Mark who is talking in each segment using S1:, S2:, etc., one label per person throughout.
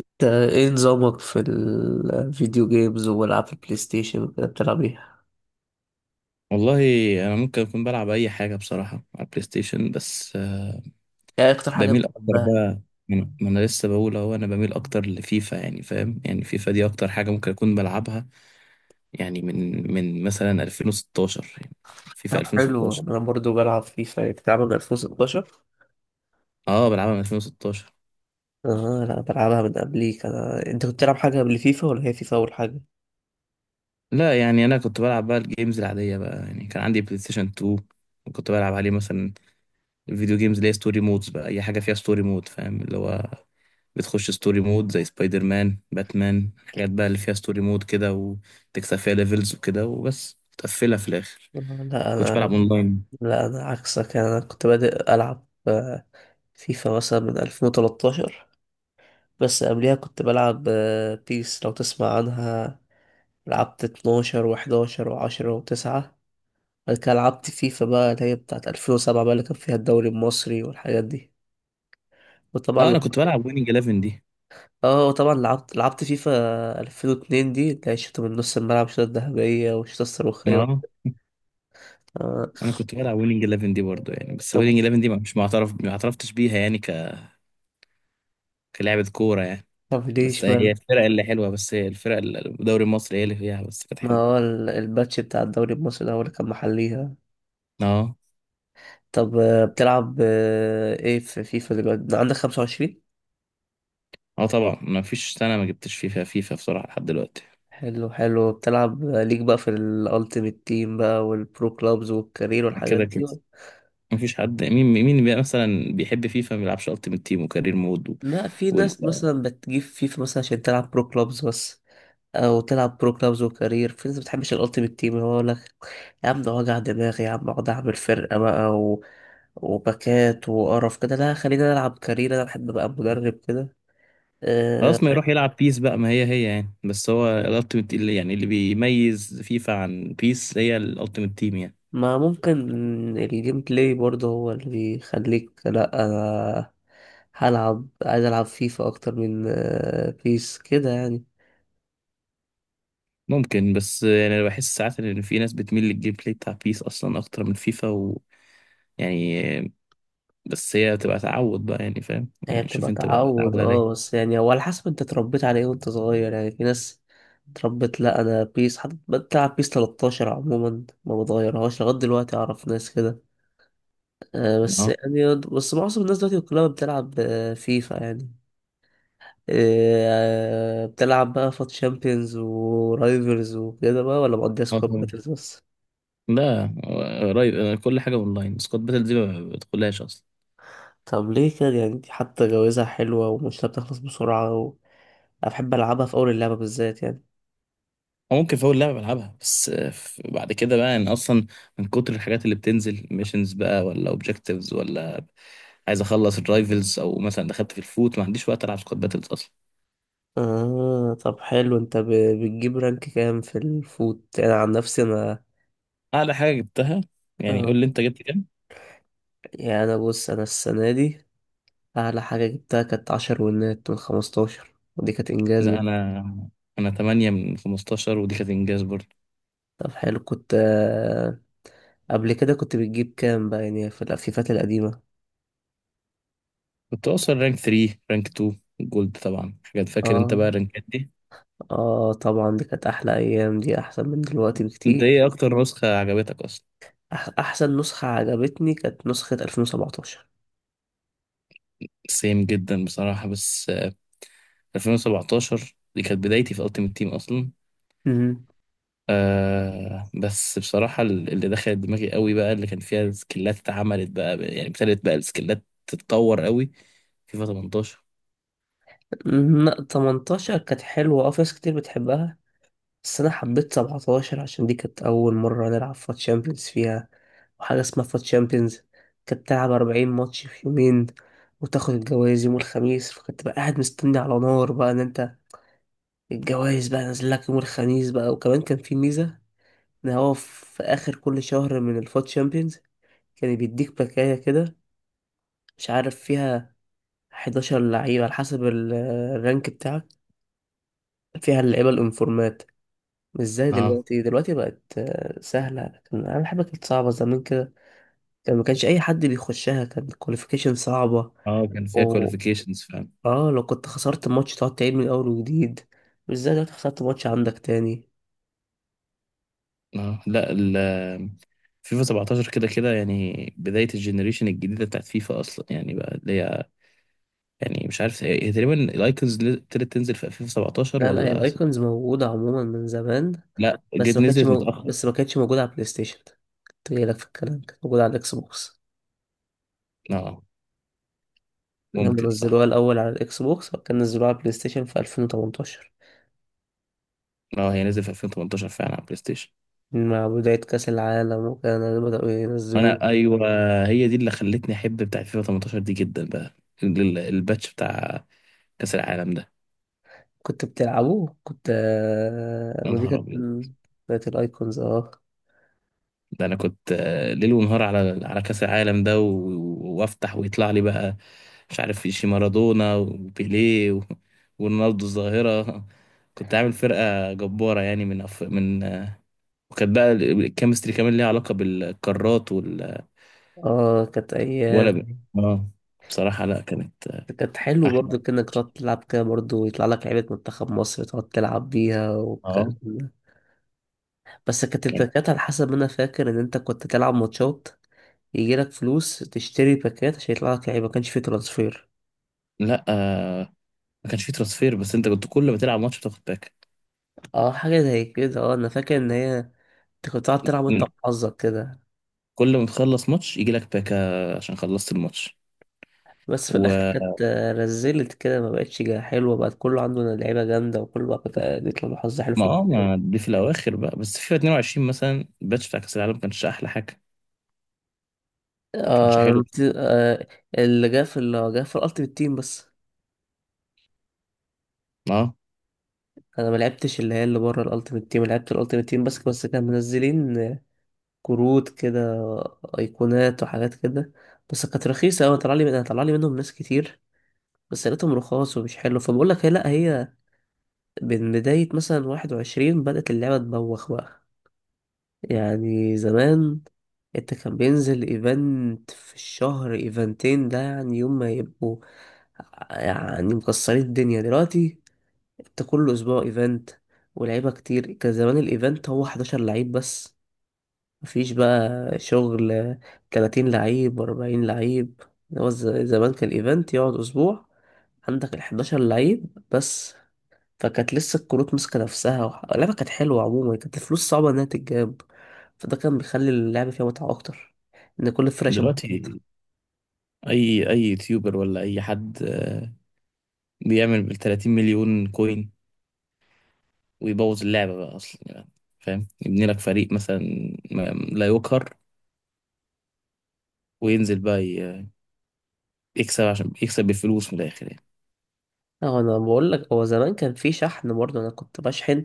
S1: انت، ايه نظامك في الفيديو جيمز والعاب البلاي ستيشن وكده بتلعب ايه؟
S2: والله. انا ممكن اكون بلعب اي حاجه بصراحه على البلاي ستيشن بس
S1: ايه اكتر حاجة
S2: بميل اكتر
S1: بتحبها
S2: بقى.
S1: يعني؟
S2: ما أنا لسه بقول اهو انا بميل اكتر لفيفا، يعني فاهم، يعني فيفا دي اكتر حاجه ممكن اكون بلعبها. يعني من مثلا 2016، يعني فيفا
S1: طب حلو
S2: 2016.
S1: انا برضو بلعب فيفا، يعني بتلعبها من 2016.
S2: اه، بلعبها من 2016.
S1: اه لا بلعبها من قبليك انا. انت كنت بتلعب حاجة قبل فيفا ولا هي فيفا اول حاجة؟
S2: لا يعني انا كنت بلعب بقى الجيمز العاديه بقى، يعني كان عندي بلاي ستيشن 2، وكنت بلعب عليه مثلا الفيديو جيمز اللي هي ستوري مودز بقى، اي حاجه فيها ستوري مود، فاهم، اللي هو بتخش ستوري مود زي سبايدر مان، باتمان، حاجات بقى اللي فيها ستوري مود كده وتكسب فيها ليفلز وكده وبس تقفلها في الاخر.
S1: لا
S2: كنتش
S1: انا،
S2: بلعب اونلاين.
S1: لا انا عكسك يعني. انا كنت بادئ العب فيفا مثلا من 2013، بس قبليها كنت بلعب بيس، لو تسمع عنها. لعبت 12 و11 و10 و9، بعد كده لعبت فيفا بقى اللي هي بتاعت 2007 بقى، اللي كان فيها الدوري المصري والحاجات دي. وطبعا
S2: اه، انا كنت
S1: لعبت،
S2: بلعب ويننج 11 دي.
S1: اه وطبعا لعبت فيفا 2002 دي، اللي هي الشوطة من نص الملعب، الشوطة الذهبية والشوطة الصاروخية
S2: اه،
S1: والحاجات-، آه.
S2: انا كنت بلعب ويننج 11 دي برضه، يعني بس
S1: طب
S2: ويننج 11 دي مش معترف، ما اعترفتش بيها يعني كلعبة كورة يعني.
S1: طب
S2: بس
S1: ليش
S2: هي
S1: مان،
S2: الفرق اللي حلوة، بس هي الفرق اللي الدوري المصري هي اللي فيها بس كانت
S1: ما
S2: حلوة.
S1: هو ال-، الباتش بتاع الدوري المصري ده هو اللي كان محليها.
S2: اه.
S1: طب بتلعب ايه في فيفا دلوقتي، عندك 25؟
S2: اه طبعا ما فيش سنة ما جبتش فيفا. فيفا بصراحة لحد دلوقتي.
S1: حلو، بتلعب ليك بقى في الالتيميت تيم بقى والبرو كلابز والكارير
S2: ده
S1: والحاجات
S2: كده
S1: دي؟
S2: كده. مفيش حد مين بقى مثلا بيحب فيفا ما بيلعبش التيمت تيم وكارير مود
S1: لا، في
S2: وال...
S1: ناس مثلا بتجيب فيفا مثلا عشان تلعب برو كلابز بس، او تلعب برو كلابز وكارير. في ناس بتحبش الالتيميت تيم، هو يقول لك يا عم ده وجع دماغي، يا عم اقعد اعمل فرقه بقى و... وباكات وقرف كده. لا خلينا نلعب كارير، انا بحب ابقى مدرب كده. أه.
S2: خلاص، ما يروح يلعب بيس بقى، ما هي يعني، بس هو الالتيمت اللي يعني اللي بيميز فيفا عن بيس هي الالتيمت تيم يعني.
S1: ما ممكن الجيم بلاي برضه هو اللي بيخليك. لا انا هلعب، عايز العب فيفا اكتر من بيس كده يعني.
S2: ممكن، بس يعني انا بحس ساعات ان في ناس بتميل للجيم بلاي بتاع بيس اصلا اكتر من فيفا يعني، بس هي تبقى تعود بقى، يعني فاهم،
S1: هي
S2: يعني شوف
S1: بتبقى
S2: انت بقى
S1: تعود،
S2: بتتعود على
S1: اه،
S2: ايه.
S1: بس يعني هو على حسب انت اتربيت على ايه وانت صغير. يعني في ناس اتربت، لا انا بيس، حد بتلعب بيس 13 عموما ما بتغيرهاش لغايه دلوقتي، اعرف ناس كده. آه بس
S2: اه.
S1: يعني، بس معظم الناس دلوقتي كلها بتلعب فيفا يعني. آه، بتلعب بقى فات شامبيونز ورايفلز وكده بقى، ولا مقضيها
S2: آه
S1: سكواد
S2: طبعا.
S1: باتلز بس؟
S2: لا، قريب. أنا كل حاجه اونلاين. سكواد باتل دي ما بدخلهاش اصلا.
S1: طب ليه كده يعني؟ دي حتى جوازها حلوة ومش بتخلص بسرعة و... أنا بحب ألعبها في أول اللعبة بالذات يعني.
S2: أو ممكن في أول لعبة بلعبها بس، بعد كده بقى يعني أصلا من كتر الحاجات اللي بتنزل ميشنز بقى، ولا أوبجكتيفز، ولا عايز أخلص الرايفلز، أو مثلا دخلت في الفوت، ما عنديش وقت ألعب سكواد باتلز أصلا.
S1: آه طب حلو. انت ب-، بتجيب رانك كام في الفوت؟ انا عن نفسي انا،
S2: أعلى حاجة جبتها، يعني قول
S1: آه،
S2: لي أنت جبت كام؟
S1: يعني انا بص، انا السنة دي اعلى حاجة جبتها كانت عشر ونات من خمستاشر، ودي كانت انجاز
S2: لا
S1: بد...
S2: أنا، أنا 8 من 15، ودي كانت إنجاز برضه.
S1: طب حلو، كنت آه، قبل كده كنت بتجيب كام بقى يعني في الافيفات القديمة؟
S2: كنت أوصل رانك 3 رانك 2 جولد طبعا، حاجات فاكر أنت بقى
S1: اه،
S2: الرانكات دي.
S1: اه طبعا دي كانت احلى ايام، دي احسن من دلوقتي
S2: أنت
S1: بكتير.
S2: إيه أكتر نسخة عجبتك أصلا؟
S1: احسن نسخة عجبتني كانت نسخة 2017.
S2: سيم جدا بصراحة، بس 2017 دي كانت بدايتي في التيم تيم أصلا.
S1: امم،
S2: آه، بس بصراحة اللي دخلت دماغي قوي بقى اللي كان فيها سكيلات اتعملت بقى، يعني ابتدت بقى السكيلات تتطور قوي. فيفا 18.
S1: لا 18 كانت حلوة، اه في ناس كتير بتحبها، بس انا حبيت 17 عشان دي كانت اول مره نلعب فات شامبيونز فيها. وحاجه اسمها فات شامبيونز كانت بتلعب 40 ماتش في يومين، وتاخد الجوائز يوم الخميس. فكنت بقى قاعد مستني على نار بقى ان انت الجوائز بقى نازل لك يوم الخميس بقى. وكمان كان في ميزه ان هو في اخر كل شهر من الفات شامبيونز كان بيديك باكايه كده، مش عارف فيها 11 لعيبه على حسب ال-، الرانك بتاعك، فيها اللعيبه الانفورمات. مش زي
S2: اه.
S1: دلوقتي، دلوقتي بقت سهلة، لكن أنا حاجة كانت صعبة زمان كده. كان ما كانش أي حد بيخشها، كان الكواليفيكيشن صعبة
S2: اه كان فيها
S1: و،
S2: كواليفيكيشنز فعلا.
S1: اه لو كنت خسرت ماتش تقعد تعيد من أول وجديد، مش زي دلوقتي خسرت ماتش عندك تاني.
S2: اه. لا، فيفا 17 كده كده يعني بداية الجنريشن الجديدة بتاعت فيفا أصلا، يعني بقى اللي هي، يعني مش عارف هي تقريبا الأيكونز اللي ابتدت تنزل في فيفا 17
S1: لا هي الأيكونز موجودة عموما من زمان،
S2: لا،
S1: بس
S2: جت
S1: ما كانتش
S2: نزلت
S1: مو...،
S2: متأخر.
S1: بس ما كانتش موجودة على البلاي ستيشن. كنت جاي لك في الكلام، كانت موجودة على الإكس بوكس.
S2: اه
S1: يعني هم
S2: ممكن صح.
S1: نزلوها الأول على الإكس بوكس، وبعد كده نزلوها على البلاي ستيشن في 2018
S2: اه، هي نزلت في 2018 فعلا على بلاي ستيشن.
S1: مع بداية كأس العالم، وكانوا بدأوا ينزلوها.
S2: انا ايوه، هي دي اللي خلتني احب بتاع فيفا 18 دي جدا بقى، الباتش بتاع كاس العالم ده.
S1: كنت بتلعبوه، كنت
S2: يا
S1: ما دي
S2: نهار
S1: كانت
S2: ابيض،
S1: بتاعت الايكونز، اه.
S2: ده انا كنت ليل ونهار على كاس العالم ده، وافتح ويطلع لي بقى مش عارف في شي مارادونا وبيليه ورونالدو الظاهره. كنت عامل فرقه جباره يعني من. وكانت بقى الكيمستري كمان ليها علاقه بالقارات
S1: اه كانت
S2: ولا ب...
S1: ايام،
S2: اه. بصراحه لا، كانت
S1: كانت حلو
S2: احلى.
S1: برضو، كأنك تقعد تلعب كده برضو، يطلع لك لعيبة منتخب مصر تقعد تلعب بيها والكلام
S2: اه
S1: ده. بس كانت
S2: يعني.
S1: الباكات على حسب ما انا فاكر ان انت كنت تلعب ماتشات يجي لك فلوس، تشتري باكات عشان يطلع لك لعيبة، ما كانش فيه ترانسفير.
S2: لا. آه. ما كانش فيه ترانسفير، بس انت كنت كل ما تلعب ماتش بتاخد باك.
S1: اه حاجة زي كده، اه انا فاكر ان هي انت كنت تقعد تلعب وانت
S2: مم.
S1: وحظك كده.
S2: كل ما تخلص ماتش يجي لك باكا عشان خلصت الماتش.
S1: بس في الاخر
S2: وما.
S1: كانت رزلت كده، ما بقتش جا-، حلوه، بقت كله عنده لعيبه جامده، وكله بقى كانت-، بيطلع له حظ حلو في
S2: اه، ما
S1: البداية.
S2: دي في الاواخر بقى، بس فيفا 22 مثلا الباتش بتاع كاس العالم ما كانش احلى حاجه. ما كانش
S1: آه أنا
S2: حلو.
S1: مت-، اللي جه في الالتيمت تيم بس.
S2: اه.
S1: انا ما لعبتش اللي هي اللي بره الالتيمت تيم، لعبت الالتيمت تيم بس. بس كان منزلين كروت كده، ايقونات وحاجات كده، بس كانت رخيصه قوي. طلع لي من-، طلع لي منهم ناس كتير، بس لقيتهم رخاص ومش حلو. فبقول لك هي، لا هي من بدايه مثلا 21 بدات اللعبه تبوخ بقى. يعني زمان انت كان بينزل ايفنت في الشهر، ايفنتين ده يعني، يوم ما يبقوا يعني مكسرين الدنيا. دلوقتي انت كل اسبوع ايفنت، ولعيبه كتير. كان زمان الايفنت هو 11 لعيب بس، مفيش بقى شغل 30 لعيب 40 لعيب. هو ز-، زمان كان الايفنت يقعد اسبوع، عندك ال 11 لعيب بس. فكانت لسه الكروت ماسكة نفسها، وح-، اللعبة كانت حلوة عموما، كانت الفلوس صعبة إنها تتجاب، فده كان بيخلي اللعبة فيها متعة أكتر، إن كل الفرق شبه
S2: دلوقتي
S1: بعض.
S2: اي يوتيوبر ولا اي حد بيعمل بال 30 مليون كوين ويبوظ اللعبه بقى اصلا يعني، فاهم، يبني لك فريق مثلا ما- لا يقهر، وينزل بقى يكسب، عشان يكسب بالفلوس من الاخر يعني.
S1: اه انا بقول لك هو زمان كان في شحن برضه، انا كنت بشحن.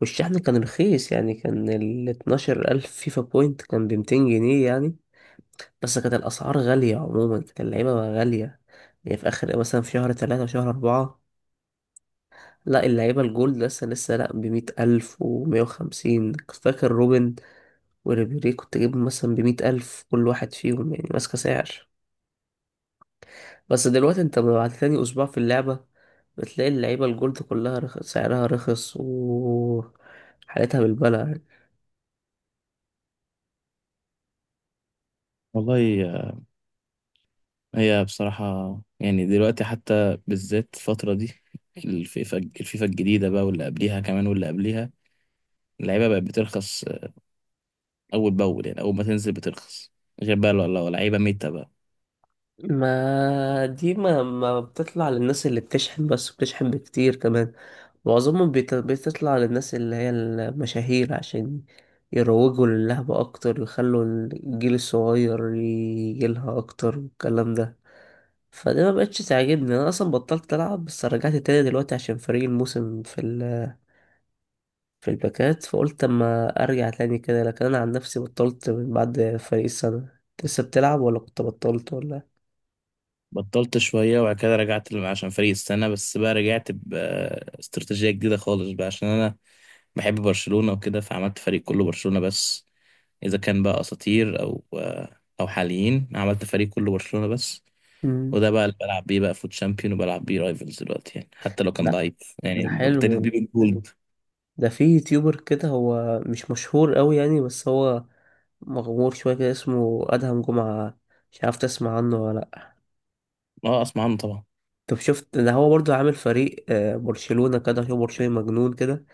S1: والشحن كان رخيص، يعني كان ال 12,000 الف فيفا بوينت كان ب 200 جنيه يعني، بس كانت الاسعار غاليه عموما، كانت اللعيبه غاليه. يعني في اخر مثلا في شهر ثلاثة وشهر أربعة، لا اللعيبه الجولد لسه لا ب 100,000 الف و 150. فاكر روبن وريبيري كنت جايبهم مثلا بمية ألف كل واحد فيهم، يعني ماسكة سعر. بس دلوقتي انت بعد تاني أسبوع في اللعبة بتلاقي اللعيبة الجولد كلها رخ-، سعرها رخص و حالتها بالبلع يعني.
S2: والله، هي بصراحة، يعني دلوقتي حتى بالذات الفترة دي الفيفا الجديدة بقى، واللي قبليها كمان واللي قبليها، اللعيبة بقت بترخص أول بأول، يعني أول ما تنزل بترخص، غير بقى لو لعيبة ميتة بقى.
S1: ما دي ما بتطلع للناس اللي بتشحن بس، بتشحن بكتير كمان. معظمهم بيت-، بتطلع للناس اللي هي المشاهير عشان يروجوا للعبة أكتر، ويخلوا الجيل الصغير يجيلها أكتر والكلام ده. فدي ما بقتش تعجبني، انا اصلا بطلت العب، بس رجعت تاني دلوقتي عشان فريق الموسم في ال-، في الباكات، فقلت اما ارجع تاني كده. لكن انا عن نفسي بطلت من بعد فريق السنه. انت لسه بتلعب ولا كنت بطلت ولا؟
S2: بطلت شوية وبعد كده رجعت عشان فريق السنة بس بقى، رجعت باستراتيجية جديدة خالص بقى، عشان أنا بحب برشلونة وكده، فعملت فريق كله برشلونة بس، إذا كان بقى أساطير أو حاليين، عملت فريق كله برشلونة بس.
S1: مم.
S2: وده بقى اللي بلعب بيه بقى فوت شامبيون وبلعب بيه رايفلز دلوقتي، يعني حتى لو كان
S1: لا
S2: ضعيف، يعني
S1: ده
S2: ابتديت بيه
S1: حلو.
S2: بالجولد.
S1: ده في يوتيوبر كده، هو مش مشهور قوي يعني، بس هو مغمور شويه كده، اسمه ادهم جمعه، مش عارف تسمع عنه ولا لأ.
S2: اه، اسمع عنه طبعا.
S1: طب شفت ده؟ هو برضو عامل فريق برشلونة كده. هو برشلونة مجنون كده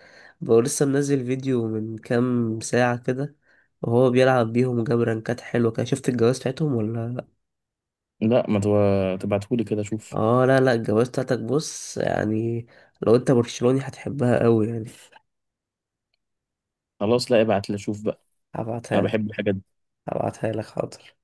S1: بقى. لسه منزل فيديو من كام ساعة كده، وهو بيلعب بيهم وجاب رانكات حلوة كده. شفت الجواز بتاعتهم ولا لأ؟
S2: لا، ما تبعتهولي كده اشوف.
S1: اه لا الجواز بتاعتك بص يعني، لو انت برشلوني هتحبها قوي يعني.
S2: خلاص، لا ابعت لي اشوف بقى. انا
S1: هبعتها لك،
S2: بحب الحاجات دي.
S1: هبعتها لك حاضر.